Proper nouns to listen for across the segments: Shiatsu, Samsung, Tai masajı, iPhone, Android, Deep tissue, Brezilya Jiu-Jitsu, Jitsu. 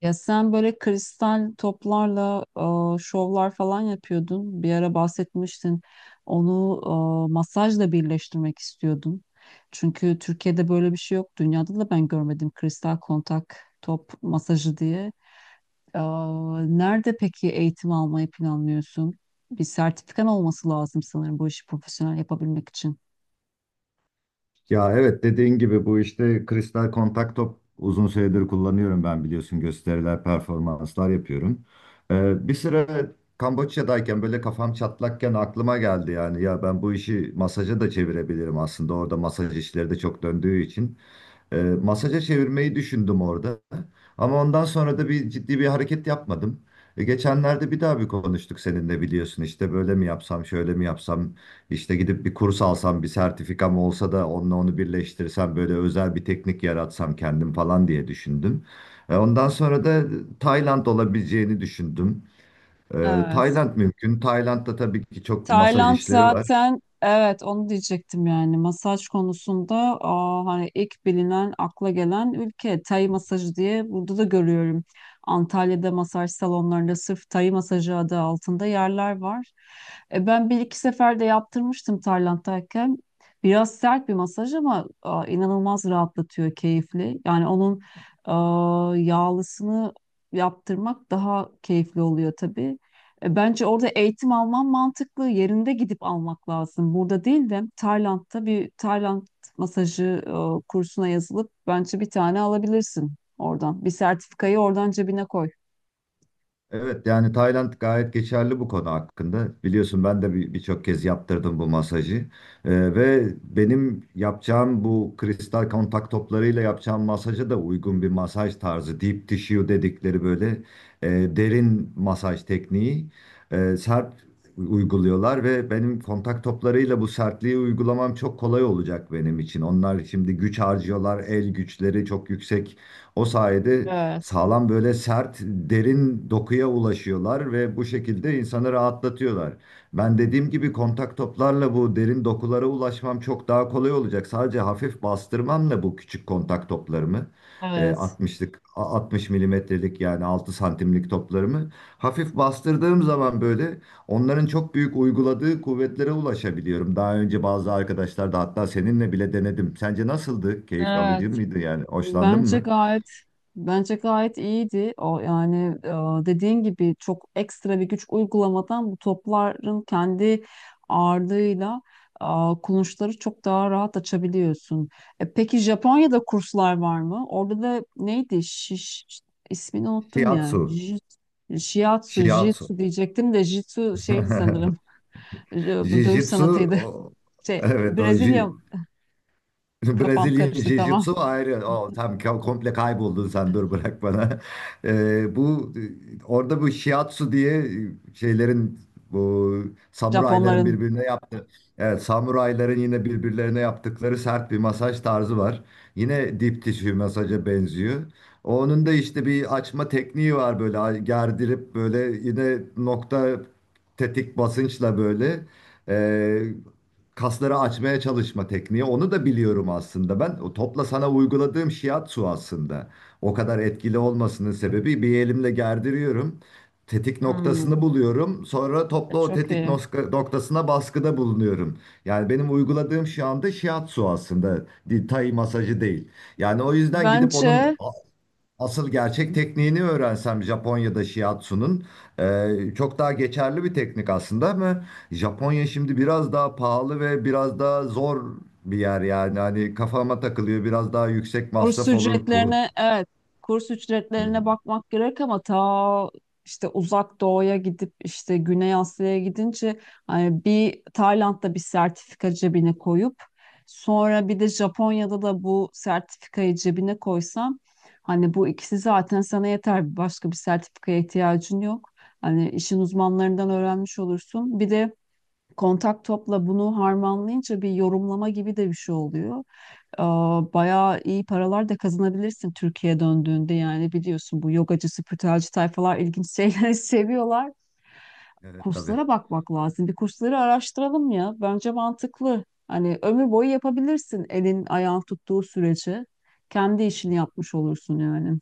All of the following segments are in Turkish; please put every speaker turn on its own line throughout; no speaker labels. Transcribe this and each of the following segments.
Ya sen böyle kristal toplarla şovlar falan yapıyordun. Bir ara bahsetmiştin. Onu masajla birleştirmek istiyordun. Çünkü Türkiye'de böyle bir şey yok. Dünyada da ben görmedim kristal kontak top masajı diye. E, Nerede peki eğitim almayı planlıyorsun? Bir sertifikan olması lazım sanırım bu işi profesyonel yapabilmek için.
Ya evet dediğin gibi bu işte kristal kontak top uzun süredir kullanıyorum ben biliyorsun gösteriler performanslar yapıyorum. Bir süre Kamboçya'dayken böyle kafam çatlakken aklıma geldi yani ya ben bu işi masaja da çevirebilirim aslında orada masaj işleri de çok döndüğü için. Masaja çevirmeyi düşündüm orada ama ondan sonra da bir ciddi bir hareket yapmadım. Geçenlerde bir daha bir konuştuk seninle biliyorsun işte böyle mi yapsam şöyle mi yapsam. İşte gidip bir kurs alsam, bir sertifikam olsa da onunla onu birleştirsem, böyle özel bir teknik yaratsam kendim falan diye düşündüm. Ondan sonra da Tayland olabileceğini düşündüm.
Evet.
Tayland mümkün. Tayland'da tabii ki çok masaj
Tayland
işleri var.
zaten, evet, onu diyecektim yani masaj konusunda, hani ilk bilinen akla gelen ülke Tay masajı diye, burada da görüyorum. Antalya'da masaj salonlarında sırf Tay masajı adı altında yerler var. Ben bir iki sefer de yaptırmıştım Tayland'dayken. Biraz sert bir masaj ama inanılmaz rahatlatıyor, keyifli. Yani onun yağlısını yaptırmak daha keyifli oluyor tabii. Bence orada eğitim alman mantıklı. Yerinde gidip almak lazım. Burada değil de Tayland'da bir Tayland masajı kursuna yazılıp bence bir tane alabilirsin oradan. Bir sertifikayı oradan cebine koy.
Evet yani Tayland gayet geçerli bu konu hakkında. Biliyorsun ben de birçok kez yaptırdım bu masajı. Ve benim yapacağım bu kristal kontak toplarıyla yapacağım masaja da uygun bir masaj tarzı. Deep tissue dedikleri böyle e, derin masaj tekniği sert uyguluyorlar ve benim kontak toplarıyla bu sertliği uygulamam çok kolay olacak benim için. Onlar şimdi güç harcıyorlar, el güçleri çok yüksek. O sayede
Evet.
sağlam böyle sert, derin dokuya ulaşıyorlar ve bu şekilde insanı rahatlatıyorlar. Ben dediğim gibi kontak toplarla bu derin dokulara ulaşmam çok daha kolay olacak. Sadece hafif bastırmamla bu küçük kontak toplarımı,
Evet.
60'lık, 60 milimetrelik yani 6 santimlik toplarımı hafif bastırdığım zaman böyle onların çok büyük uyguladığı kuvvetlere ulaşabiliyorum. Daha önce bazı arkadaşlar da hatta seninle bile denedim. Sence nasıldı? Keyif alıcı
Evet.
mıydı yani? Hoşlandın
Bence
mı?
gayet bence gayet iyiydi. O yani dediğin gibi çok ekstra bir güç uygulamadan bu topların kendi ağırlığıyla e, kulunçları çok daha rahat açabiliyorsun. Peki Japonya'da kurslar var mı? Orada da neydi? Şiş, ismini unuttum ya.
Shiatsu.
Jit, Shiatsu,
Shiatsu.
Jitsu diyecektim de Jitsu şeydi sanırım. Bu dövüş
Jiu-Jitsu
sanatıydı.
o-
Şey,
evet
Brezilya kafam
Brezilya
karıştı, tamam.
Jiu-Jitsu ayrı. O, tam komple kayboldun sen dur bırak bana. Bu orada bu Shiatsu diye şeylerin bu samurayların
Japonların.
birbirine evet, samurayların yine birbirlerine yaptıkları sert bir masaj tarzı var. Yine dip tissue masaja benziyor. Onun da işte bir açma tekniği var böyle gerdirip böyle yine nokta tetik basınçla böyle e, kasları açmaya çalışma tekniği. Onu da biliyorum aslında ben. O topla sana uyguladığım shiatsu aslında. O kadar etkili olmasının sebebi bir elimle gerdiriyorum tetik noktasını
Hmm,
buluyorum. Sonra toplu o
çok
tetik
iyi.
noktasına baskıda bulunuyorum. Yani benim uyguladığım şu anda shiatsu aslında. Tai masajı değil. Yani o yüzden gidip
Bence
onun asıl gerçek tekniğini öğrensem Japonya'da shiatsu'nun çok daha geçerli bir teknik aslında ama Japonya şimdi biraz daha pahalı ve biraz daha zor bir yer yani. Hani kafama takılıyor. Biraz daha yüksek
kurs
masraf olur, kuru.
ücretlerine, evet, kurs
Hı hı.
ücretlerine bakmak gerek ama ta işte uzak doğuya gidip, işte Güney Asya'ya gidince, hani bir Tayland'da bir sertifika cebine koyup sonra bir de Japonya'da da bu sertifikayı cebine koysam, hani bu ikisi zaten sana yeter, başka bir sertifikaya ihtiyacın yok. Hani işin uzmanlarından öğrenmiş olursun. Bir de kontak topla bunu harmanlayınca bir yorumlama gibi de bir şey oluyor. Ee, Bayağı iyi paralar da kazanabilirsin Türkiye'ye döndüğünde. Yani biliyorsun bu yogacı, spiritüelci tayfalar ilginç şeyleri seviyorlar.
Evet tabii.
Kurslara bakmak lazım. Bir kursları araştıralım ya. Bence mantıklı. Hani ömür boyu yapabilirsin elin ayağın tuttuğu sürece. Kendi işini yapmış olursun yani.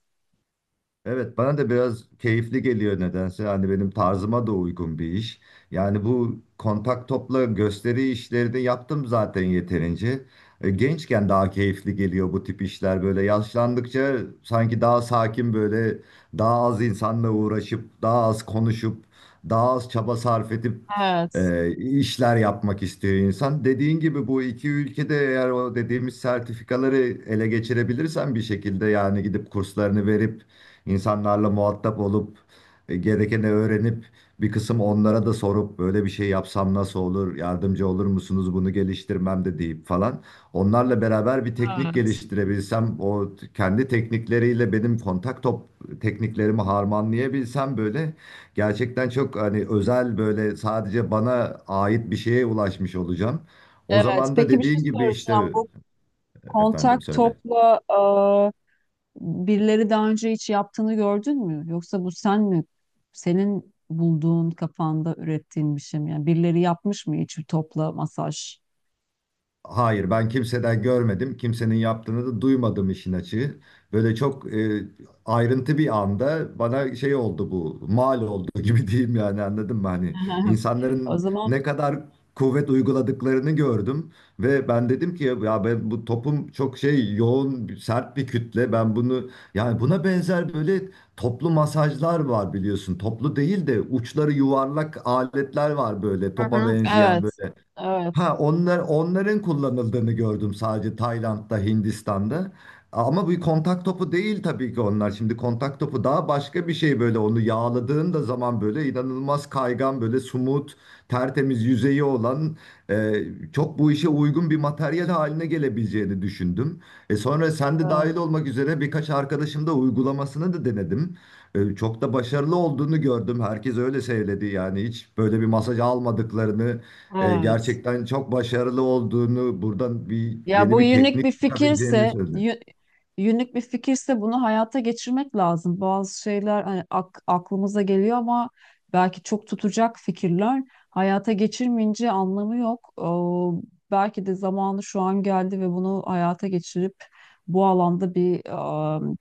Evet bana da biraz keyifli geliyor nedense. Hani benim tarzıma da uygun bir iş. Yani bu kontak topla gösteri işleri de yaptım zaten yeterince. Gençken daha keyifli geliyor bu tip işler böyle. Yaşlandıkça sanki daha sakin böyle daha az insanla uğraşıp daha az konuşup daha az çaba sarf edip
Evet,
e, işler yapmak istiyor insan. Dediğin gibi bu iki ülkede eğer o dediğimiz sertifikaları ele geçirebilirsen bir şekilde yani gidip kurslarını verip İnsanlarla muhatap olup gerekeni öğrenip bir kısım onlara da sorup böyle bir şey yapsam nasıl olur, yardımcı olur musunuz bunu geliştirmemde deyip falan. Onlarla beraber bir teknik
evet,
geliştirebilsem, kendi teknikleriyle benim kontak top tekniklerimi harmanlayabilsem böyle gerçekten çok hani özel böyle sadece bana ait bir şeye ulaşmış olacağım. O
evet.
zaman da
Peki bir şey
dediğin gibi
soracağım.
işte
Bu kontak
efendim söyle.
topla birileri daha önce hiç yaptığını gördün mü? Yoksa bu sen mi? Senin bulduğun, kafanda ürettiğin bir şey mi? Yani birileri yapmış mı hiç topla masaj?
Hayır, ben kimseden görmedim. Kimsenin yaptığını da duymadım işin açığı. Böyle çok ayrıntı bir anda bana şey oldu bu, mal oldu gibi diyeyim yani anladın mı? Hani
O
insanların
zaman.
ne kadar kuvvet uyguladıklarını gördüm ve ben dedim ki ya ben bu topum çok şey yoğun, sert bir kütle. Ben bunu yani buna benzer böyle toplu masajlar var biliyorsun. Toplu değil de uçları yuvarlak aletler var böyle
Hı
topa
hı,
benzeyen
evet,
böyle.
evet,
Ha onlar onların kullanıldığını gördüm sadece Tayland'da, Hindistan'da. Ama bu kontak topu değil tabii ki onlar. Şimdi kontak topu daha başka bir şey böyle onu yağladığın da zaman böyle inanılmaz kaygan böyle sumut, tertemiz yüzeyi olan e, çok bu işe uygun bir materyal haline gelebileceğini düşündüm. E sonra sen de
evet,
dahil olmak üzere birkaç arkadaşım da uygulamasını da denedim. Çok da başarılı olduğunu gördüm. Herkes öyle söyledi yani hiç böyle bir masaj almadıklarını
evet.
gerçekten çok başarılı olduğunu, buradan bir
Ya bu
yeni bir
unik
teknik
bir
çıkabileceğini
fikirse,
söyledi.
yünlük bir fikirse bunu hayata geçirmek lazım. Bazı şeyler hani aklımıza geliyor ama belki çok tutacak fikirler. Hayata geçirmeyince anlamı yok. Belki de zamanı şu an geldi ve bunu hayata geçirip bu alanda bir,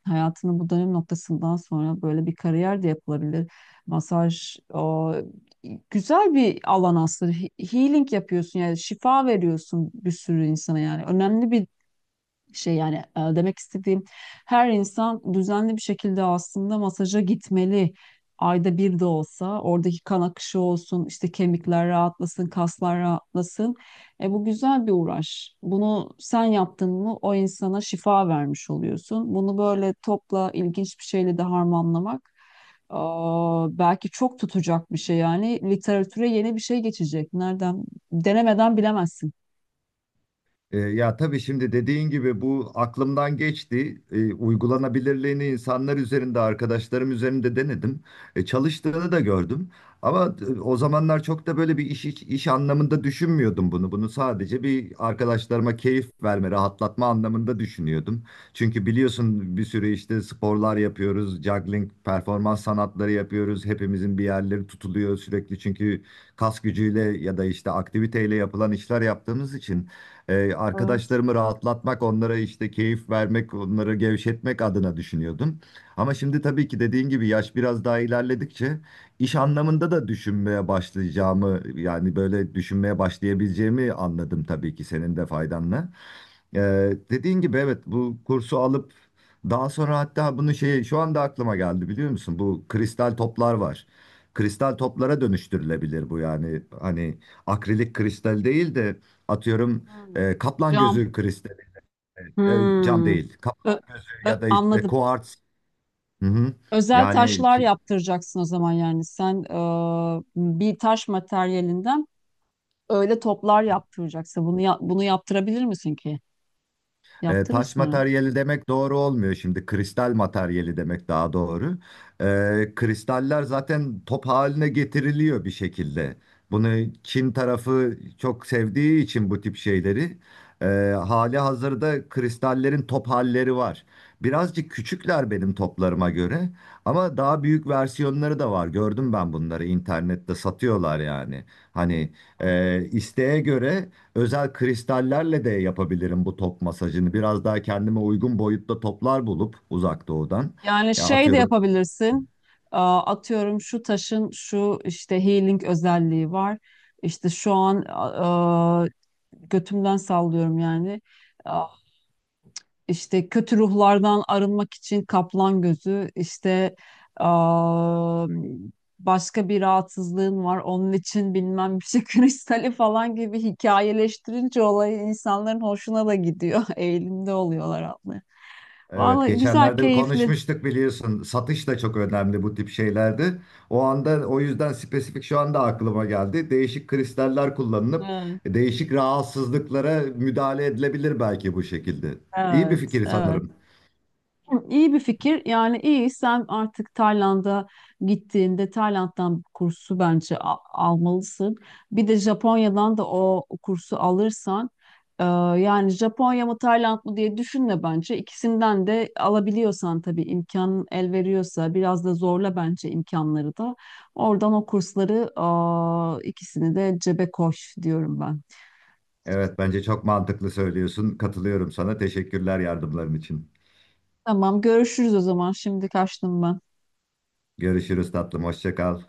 hayatının bu dönüm noktasından sonra böyle bir kariyer de yapılabilir. Masaj güzel bir alan aslında. Healing yapıyorsun, yani şifa veriyorsun bir sürü insana yani. Önemli bir şey yani, demek istediğim her insan düzenli bir şekilde aslında masaja gitmeli. Ayda bir de olsa oradaki kan akışı olsun, işte kemikler rahatlasın, kaslar rahatlasın. E, bu güzel bir uğraş. Bunu sen yaptın mı, o insana şifa vermiş oluyorsun. Bunu böyle topla ilginç bir şeyle de harmanlamak, belki çok tutacak bir şey yani. Literatüre yeni bir şey geçecek. Nereden? Denemeden bilemezsin.
Ya tabii şimdi dediğin gibi bu aklımdan geçti. Uygulanabilirliğini insanlar üzerinde, arkadaşlarım üzerinde denedim. Çalıştığını da gördüm. Ama o zamanlar çok da böyle bir iş anlamında düşünmüyordum bunu. Bunu sadece bir arkadaşlarıma keyif verme, rahatlatma anlamında düşünüyordum. Çünkü biliyorsun bir sürü işte sporlar yapıyoruz, juggling, performans sanatları yapıyoruz. Hepimizin bir yerleri tutuluyor sürekli çünkü kas gücüyle ya da işte aktiviteyle yapılan işler yaptığımız için.
Evet.
Arkadaşlarımı rahatlatmak, onlara işte keyif vermek, onları gevşetmek adına düşünüyordum. Ama şimdi tabii ki dediğin gibi yaş biraz daha ilerledikçe iş anlamında da düşünmeye başlayacağımı yani böyle düşünmeye başlayabileceğimi anladım tabii ki senin de faydanla. Dediğin gibi evet bu kursu alıp daha sonra hatta bunu şey şu anda aklıma geldi biliyor musun? Bu kristal toplar var. Kristal toplara dönüştürülebilir bu yani hani akrilik kristal değil de atıyorum
Hmm.
kaplan
Cam.
gözü kristali e, cam
Hmm.
değil kaplan
Ö-
gözü ya da işte
Anladım.
kuarts. Hı hı.
Özel
Yani
taşlar yaptıracaksın o zaman yani. Sen bir taş materyalinden öyle toplar yaptıracaksın. Bunu yaptırabilir misin ki?
Taş
Yaptırırsın herhalde.
materyali demek doğru olmuyor şimdi. Kristal materyali demek daha doğru. Kristaller zaten top haline getiriliyor bir şekilde. Bunu Çin tarafı çok sevdiği için bu tip şeyleri e, hali hazırda kristallerin top halleri var. Birazcık küçükler benim toplarıma göre ama daha büyük versiyonları da var. Gördüm ben bunları internette satıyorlar yani. Hani isteğe göre özel kristallerle de yapabilirim bu top masajını. Biraz daha kendime uygun boyutta toplar bulup uzak doğudan.
Yani
Ya
şey de
atıyorum
yapabilirsin. Atıyorum şu taşın şu işte healing özelliği var. İşte şu an, götümden sallıyorum yani. İşte kötü ruhlardan arınmak için kaplan gözü, işte aa, başka bir rahatsızlığın var, onun için bilmem bir şey kristali falan gibi hikayeleştirince olayı, insanların hoşuna da gidiyor. Eğilimde oluyorlar aslında.
evet,
Vallahi güzel,
geçenlerde bir
keyifli.
konuşmuştuk biliyorsun. Satış da çok önemli bu tip şeylerde. O anda o yüzden spesifik şu anda aklıma geldi. Değişik kristaller kullanılıp
Evet,
değişik rahatsızlıklara müdahale edilebilir belki bu şekilde. İyi bir
evet,
fikir
evet.
sanırım.
Hı, İyi bir fikir. Yani iyi, sen artık Tayland'a gittiğinde Tayland'dan kursu bence almalısın. Bir de Japonya'dan da o kursu alırsan, e, yani Japonya mı Tayland mı diye düşünme bence. İkisinden de alabiliyorsan, tabii imkan el veriyorsa, biraz da zorla bence imkanları da. Oradan o kursları ikisini de cebe koş diyorum ben.
Evet, bence çok mantıklı söylüyorsun. Katılıyorum sana. Teşekkürler yardımların için.
Tamam, görüşürüz o zaman. Şimdi kaçtım ben.
Görüşürüz tatlım. Hoşça kal.